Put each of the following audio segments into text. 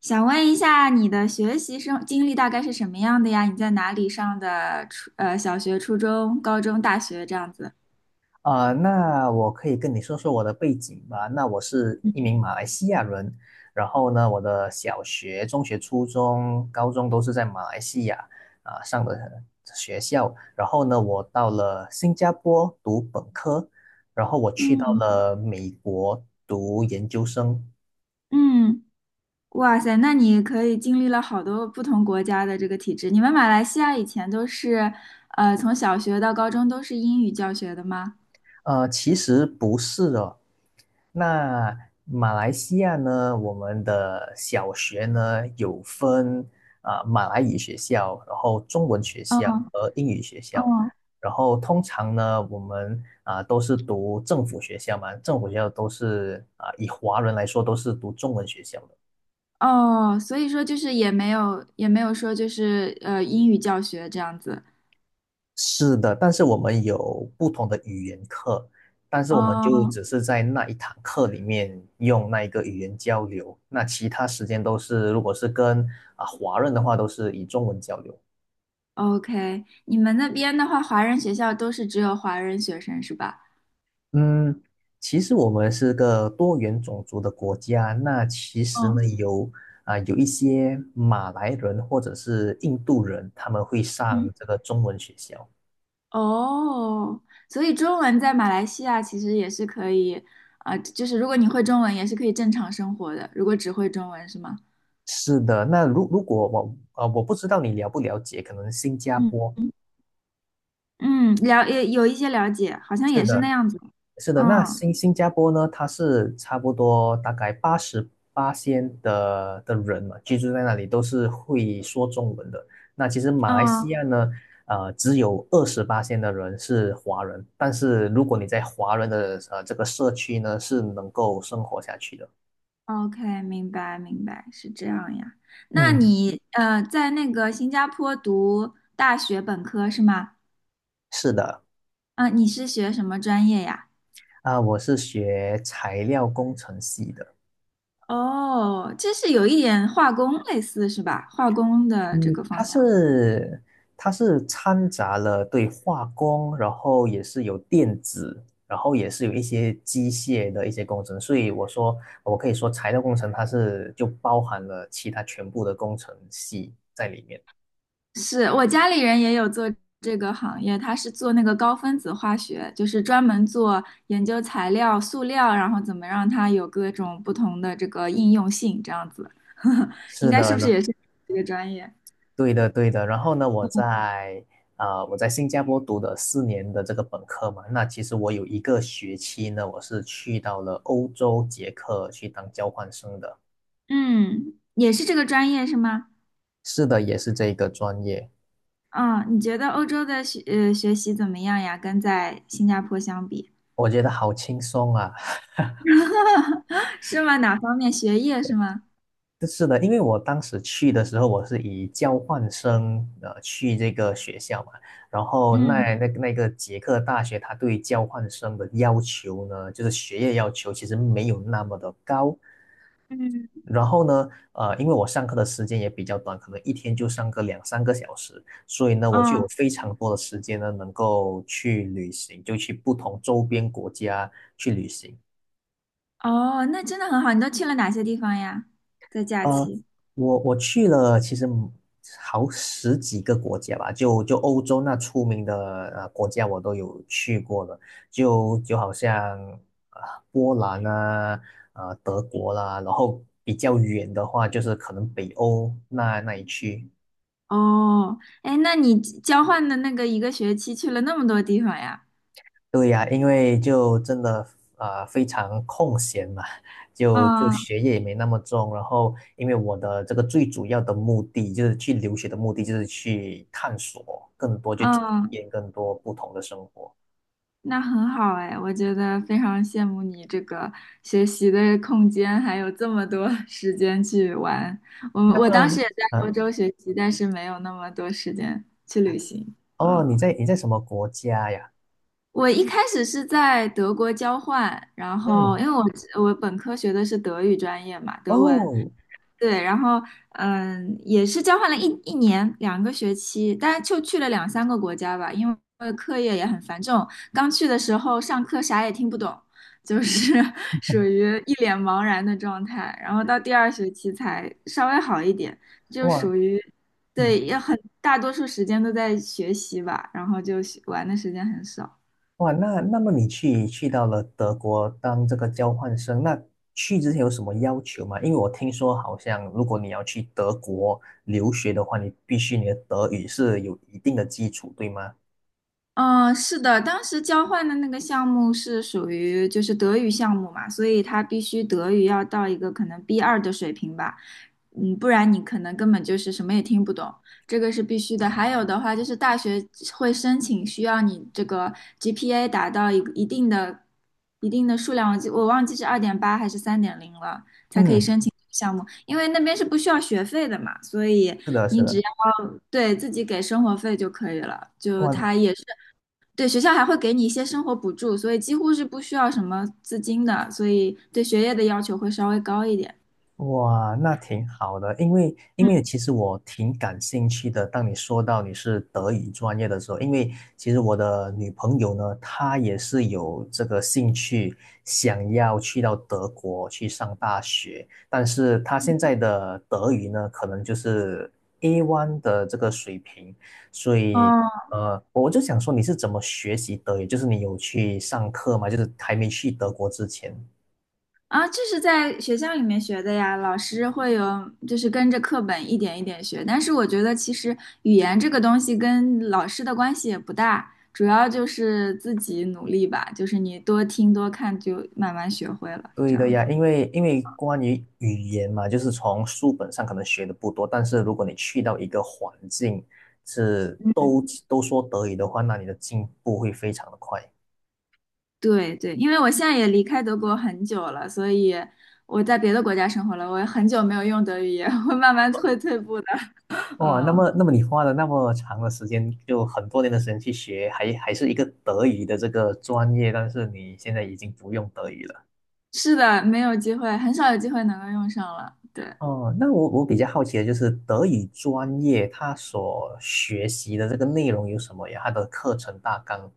想问一下，你的学习生经历大概是什么样的呀？你在哪里上的小学、初中、高中、大学这样子？那我可以跟你说说我的背景吧。那我是一名马来西亚人，然后呢，我的小学、中学、初中、高中都是在马来西亚上的学校。然后呢，我到了新加坡读本科，然后我去到嗯。了美国读研究生。嗯，哇塞，那你可以经历了好多不同国家的这个体制。你们马来西亚以前都是从小学到高中都是英语教学的吗？其实不是的，那马来西亚呢，我们的小学呢有分马来语学校，然后中文学校嗯。和英语学校，嗯。然后通常呢我们都是读政府学校嘛，政府学校都是以华人来说都是读中文学校的。哦，所以说就是也没有说就是英语教学这样子。是的，但是我们有不同的语言课，但是我们就哦 只是在那一堂课里面用那一个语言交流，那其他时间都是，如果是跟华人的话，都是以中文交流。OK，你们那边的话，华人学校都是只有华人学生是吧？嗯，其实我们是个多元种族的国家，那其实呢嗯。有一些马来人或者是印度人，他们会嗯，上这个中文学校。哦，所以中文在马来西亚其实也是可以，啊、就是如果你会中文，也是可以正常生活的。如果只会中文是吗？是的，那如果我不知道你了不了解，可能新加嗯坡。嗯，嗯了，也有一些了解，好像是也是那的，样子。是的，那嗯。新加坡呢，它是差不多大概80%的人嘛，居住在那里都是会说中文的。那其实马来西嗯亚呢，只有20%的人是华人，但是如果你在华人的这个社区呢，是能够生活下去的。，OK，明白明白，是这样呀。那嗯，你呃，在那个新加坡读大学本科是吗？是的，啊、你是学什么专业呀？我是学材料工程系的。哦，这是有一点化工类似是吧？化工的这嗯，个它方向，是它是掺杂了对化工，然后也是有电子，然后也是有一些机械的一些工程，所以我可以说材料工程它是就包含了其他全部的工程系在里面。是我家里人也有做这个行业，他是做那个高分子化学，就是专门做研究材料、塑料，然后怎么让它有各种不同的这个应用性，这样子。应是该是的不是呢，也是这个专业？对的对的。然后呢，我在新加坡读的4年的这个本科嘛，那其实我有一个学期呢，我是去到了欧洲捷克去当交换生的。嗯，也是这个专业是吗？是的，也是这一个专业。嗯，你觉得欧洲的学习怎么样呀？跟在新加坡相比，我觉得好轻松啊！是吗？哪方面？学业是吗？是的，因为我当时去的时候，我是以交换生去这个学校嘛，然后那嗯。那那个捷克大学，它对交换生的要求呢，就是学业要求其实没有那么的高。嗯，然后呢，因为我上课的时间也比较短，可能一天就上个两三个小时，所以呢，我就哦。有非常多的时间呢，能够去旅行，就去不同周边国家去旅行。哦，那真的很好。你都去了哪些地方呀？在假呃，期？我去了，其实好十几个国家吧，就欧洲那出名的国家我都有去过了，就好像呃波兰啊，德国啦，然后比较远的话就是可能北欧那一区。哦，哎，那你交换的那个一个学期去了那么多地方呀？对呀，因为就真的非常空闲嘛，就嗯。学业也没那么重，然后因为我的这个最主要的目的就是去留学的目的就是去探索更多，去体嗯，验更多不同的生活。那很好哎，我觉得非常羡慕你这个学习的空间，还有这么多 时间去玩。我们那我当么，时也在欧啊，洲学习，但是没有那么多时间去旅行。哦，嗯。你在什么国家呀？我一开始是在德国交换，然后嗯，因为我本科学的是德语专业嘛，德文，哦，对，然后嗯，也是交换了一年两个学期，但是就去了两三个国家吧，因为课业也很繁重，刚去的时候上课啥也听不懂，就是 属于一脸茫然的状态，然后到第二学期才稍微好一点，就哇，属于对，嗯。也很大多数时间都在学习吧，然后就学玩的时间很少。哇，那么你去到了德国当这个交换生，那去之前有什么要求吗？因为我听说好像如果你要去德国留学的话，你必须你的德语是有一定的基础，对吗？嗯，是的，当时交换的那个项目是属于就是德语项目嘛，所以他必须德语要到一个可能 b 二的水平吧，嗯，不然你可能根本就是什么也听不懂，这个是必须的。还有的话就是大学会申请需要你这个 GPA 达到一个一定的数量，我忘记是2.8还是3.0了，才可以嗯，申请这个项目，因为那边是不需要学费的嘛，所以是的，是你只的。要。对，自己给生活费就可以了，就哇，他也是对，学校还会给你一些生活补助，所以几乎是不需要什么资金的，所以对学业的要求会稍微高一点。哇，那挺好的，因为其实我挺感兴趣的。当你说到你是德语专业的时候，因为其实我的女朋友呢，她也是有这个兴趣，想要去到德国去上大学，但是她现在的德语呢，可能就是 A1 的这个水平，所哦，以我就想说你是怎么学习德语？就是你有去上课吗？就是还没去德国之前。啊，这是在学校里面学的呀，老师会有，就是跟着课本一点一点学。但是我觉得其实语言这个东西跟老师的关系也不大，主要就是自己努力吧，就是你多听多看就慢慢学会了，这对的样呀，子。因为关于语言嘛，就是从书本上可能学的不多，但是如果你去到一个环境是都说德语的话，那你的进步会非常的快。对对，因为我现在也离开德国很久了，所以我在别的国家生活了，我也很久没有用德语，也会慢慢退步的。哇，那嗯，么那么你花了那么长的时间，就很多年的时间去学，还是一个德语的这个专业，但是你现在已经不用德语了。是的，没有机会，很少有机会能够用上了。对。哦，那我比较好奇的就是德语专业它所学习的这个内容有什么呀？它的课程大纲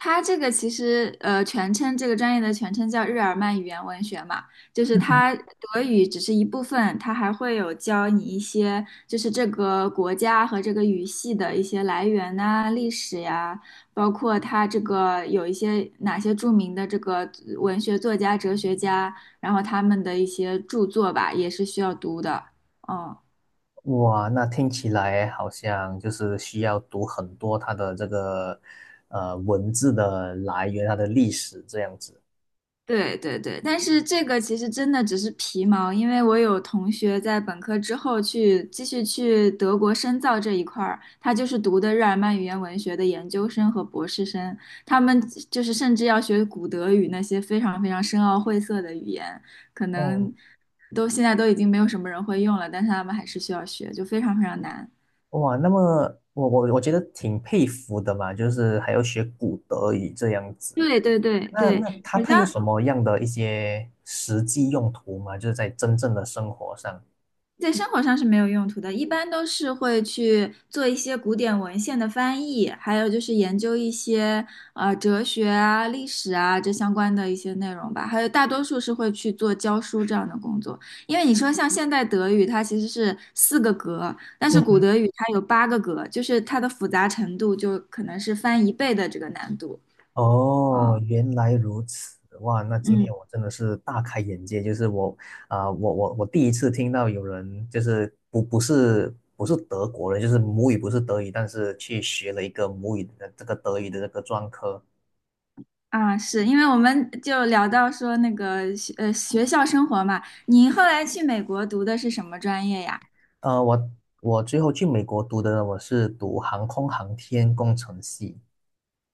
它这个其实，全称这个专业的全称叫日耳曼语言文学嘛，就是它德语只是一部分，它还会有教你一些，就是这个国家和这个语系的一些来源呐、历史呀，包括它这个有一些哪些著名的这个文学作家、哲学家，然后他们的一些著作吧，也是需要读的。嗯，哇，那听起来好像就是需要读很多它的这个文字的来源，它的历史这样子。对对对，但是这个其实真的只是皮毛，因为我有同学在本科之后去继续去德国深造这一块儿，他就是读的日耳曼语言文学的研究生和博士生，他们就是甚至要学古德语那些非常非常深奥晦涩的语言，可哦，能都现在都已经没有什么人会用了，但是他们还是需要学，就非常非常难。哇，那么我觉得挺佩服的嘛，就是还要学古德语这样子。对对对那对，那它好它有像什么样的一些实际用途吗？就是在真正的生活上。在生活上是没有用途的，一般都是会去做一些古典文献的翻译，还有就是研究一些哲学啊、历史啊这相关的一些内容吧。还有大多数是会去做教书这样的工作，因为你说像现代德语，它其实是4个格，但是古嗯。德语它有8个格，就是它的复杂程度就可能是翻一倍的这个难度。嗯。哦，原来如此，哇，那今嗯。天我真的是大开眼界，就是我，啊、我我我第一次听到有人就是不是德国人，就是母语不是德语，但是去学了一个母语的这个德语的这个专科。啊，是因为我们就聊到说那个学校生活嘛，你后来去美国读的是什么专业呀？呃，我我最后去美国读的呢，我是读航空航天工程系，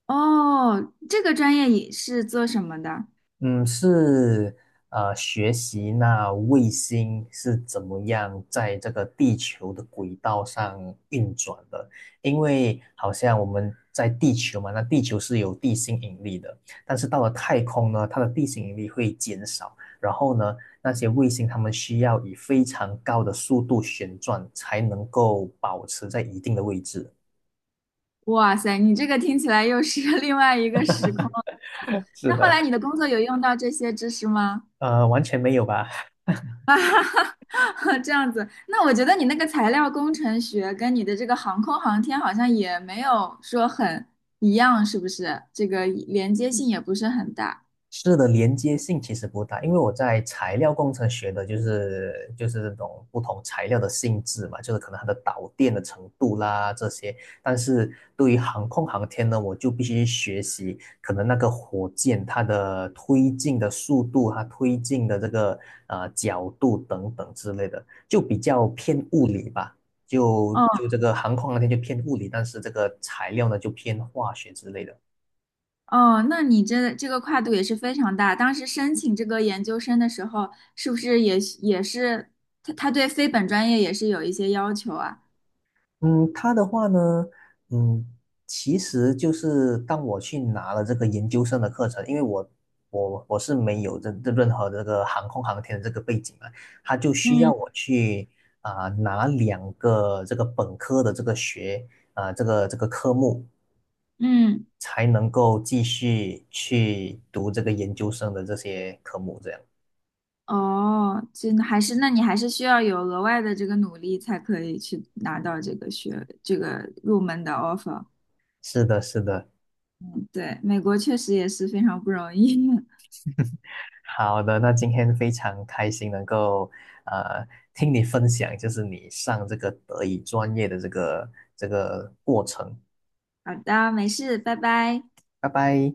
哦，这个专业也是做什么的？嗯，是，学习那卫星是怎么样在这个地球的轨道上运转的。因为好像我们在地球嘛，那地球是有地心引力的，但是到了太空呢，它的地心引力会减少。然后呢，那些卫星它们需要以非常高的速度旋转，才能够保持在一定的位置。哇塞，你这个听起来又是 另外一个时空。是那后的，来你的工作有用到这些知识吗？完全没有吧？这样子，那我觉得你那个材料工程学跟你的这个航空航天好像也没有说很一样，是不是？这个连接性也不是很大。是的，连接性其实不大，因为我在材料工程学的就是这种不同材料的性质嘛，就是可能它的导电的程度啦这些。但是对于航空航天呢，我就必须学习可能那个火箭它的推进的速度，它推进的这个角度等等之类的，就比较偏物理吧。就哦。就这个航空航天就偏物理，但是这个材料呢就偏化学之类的。哦，那你这个跨度也是非常大。当时申请这个研究生的时候，是不是也是他对非本专业也是有一些要求啊？嗯，他的话呢，嗯，其实就是当我去拿了这个研究生的课程，因为我是没有这任何这个航空航天的这个背景嘛，他就需要嗯。我去拿两个这个本科的这个学啊、这个科目，嗯，才能够继续去读这个研究生的这些科目，这样。哦，真的还是那你还是需要有额外的这个努力才可以去拿到这个学这个入门的 offer。是的，是的，对，美国确实也是非常不容易。好的，那今天非常开心能够呃听你分享，就是你上这个德语专业的这个过程。好的，没事，拜拜。拜拜。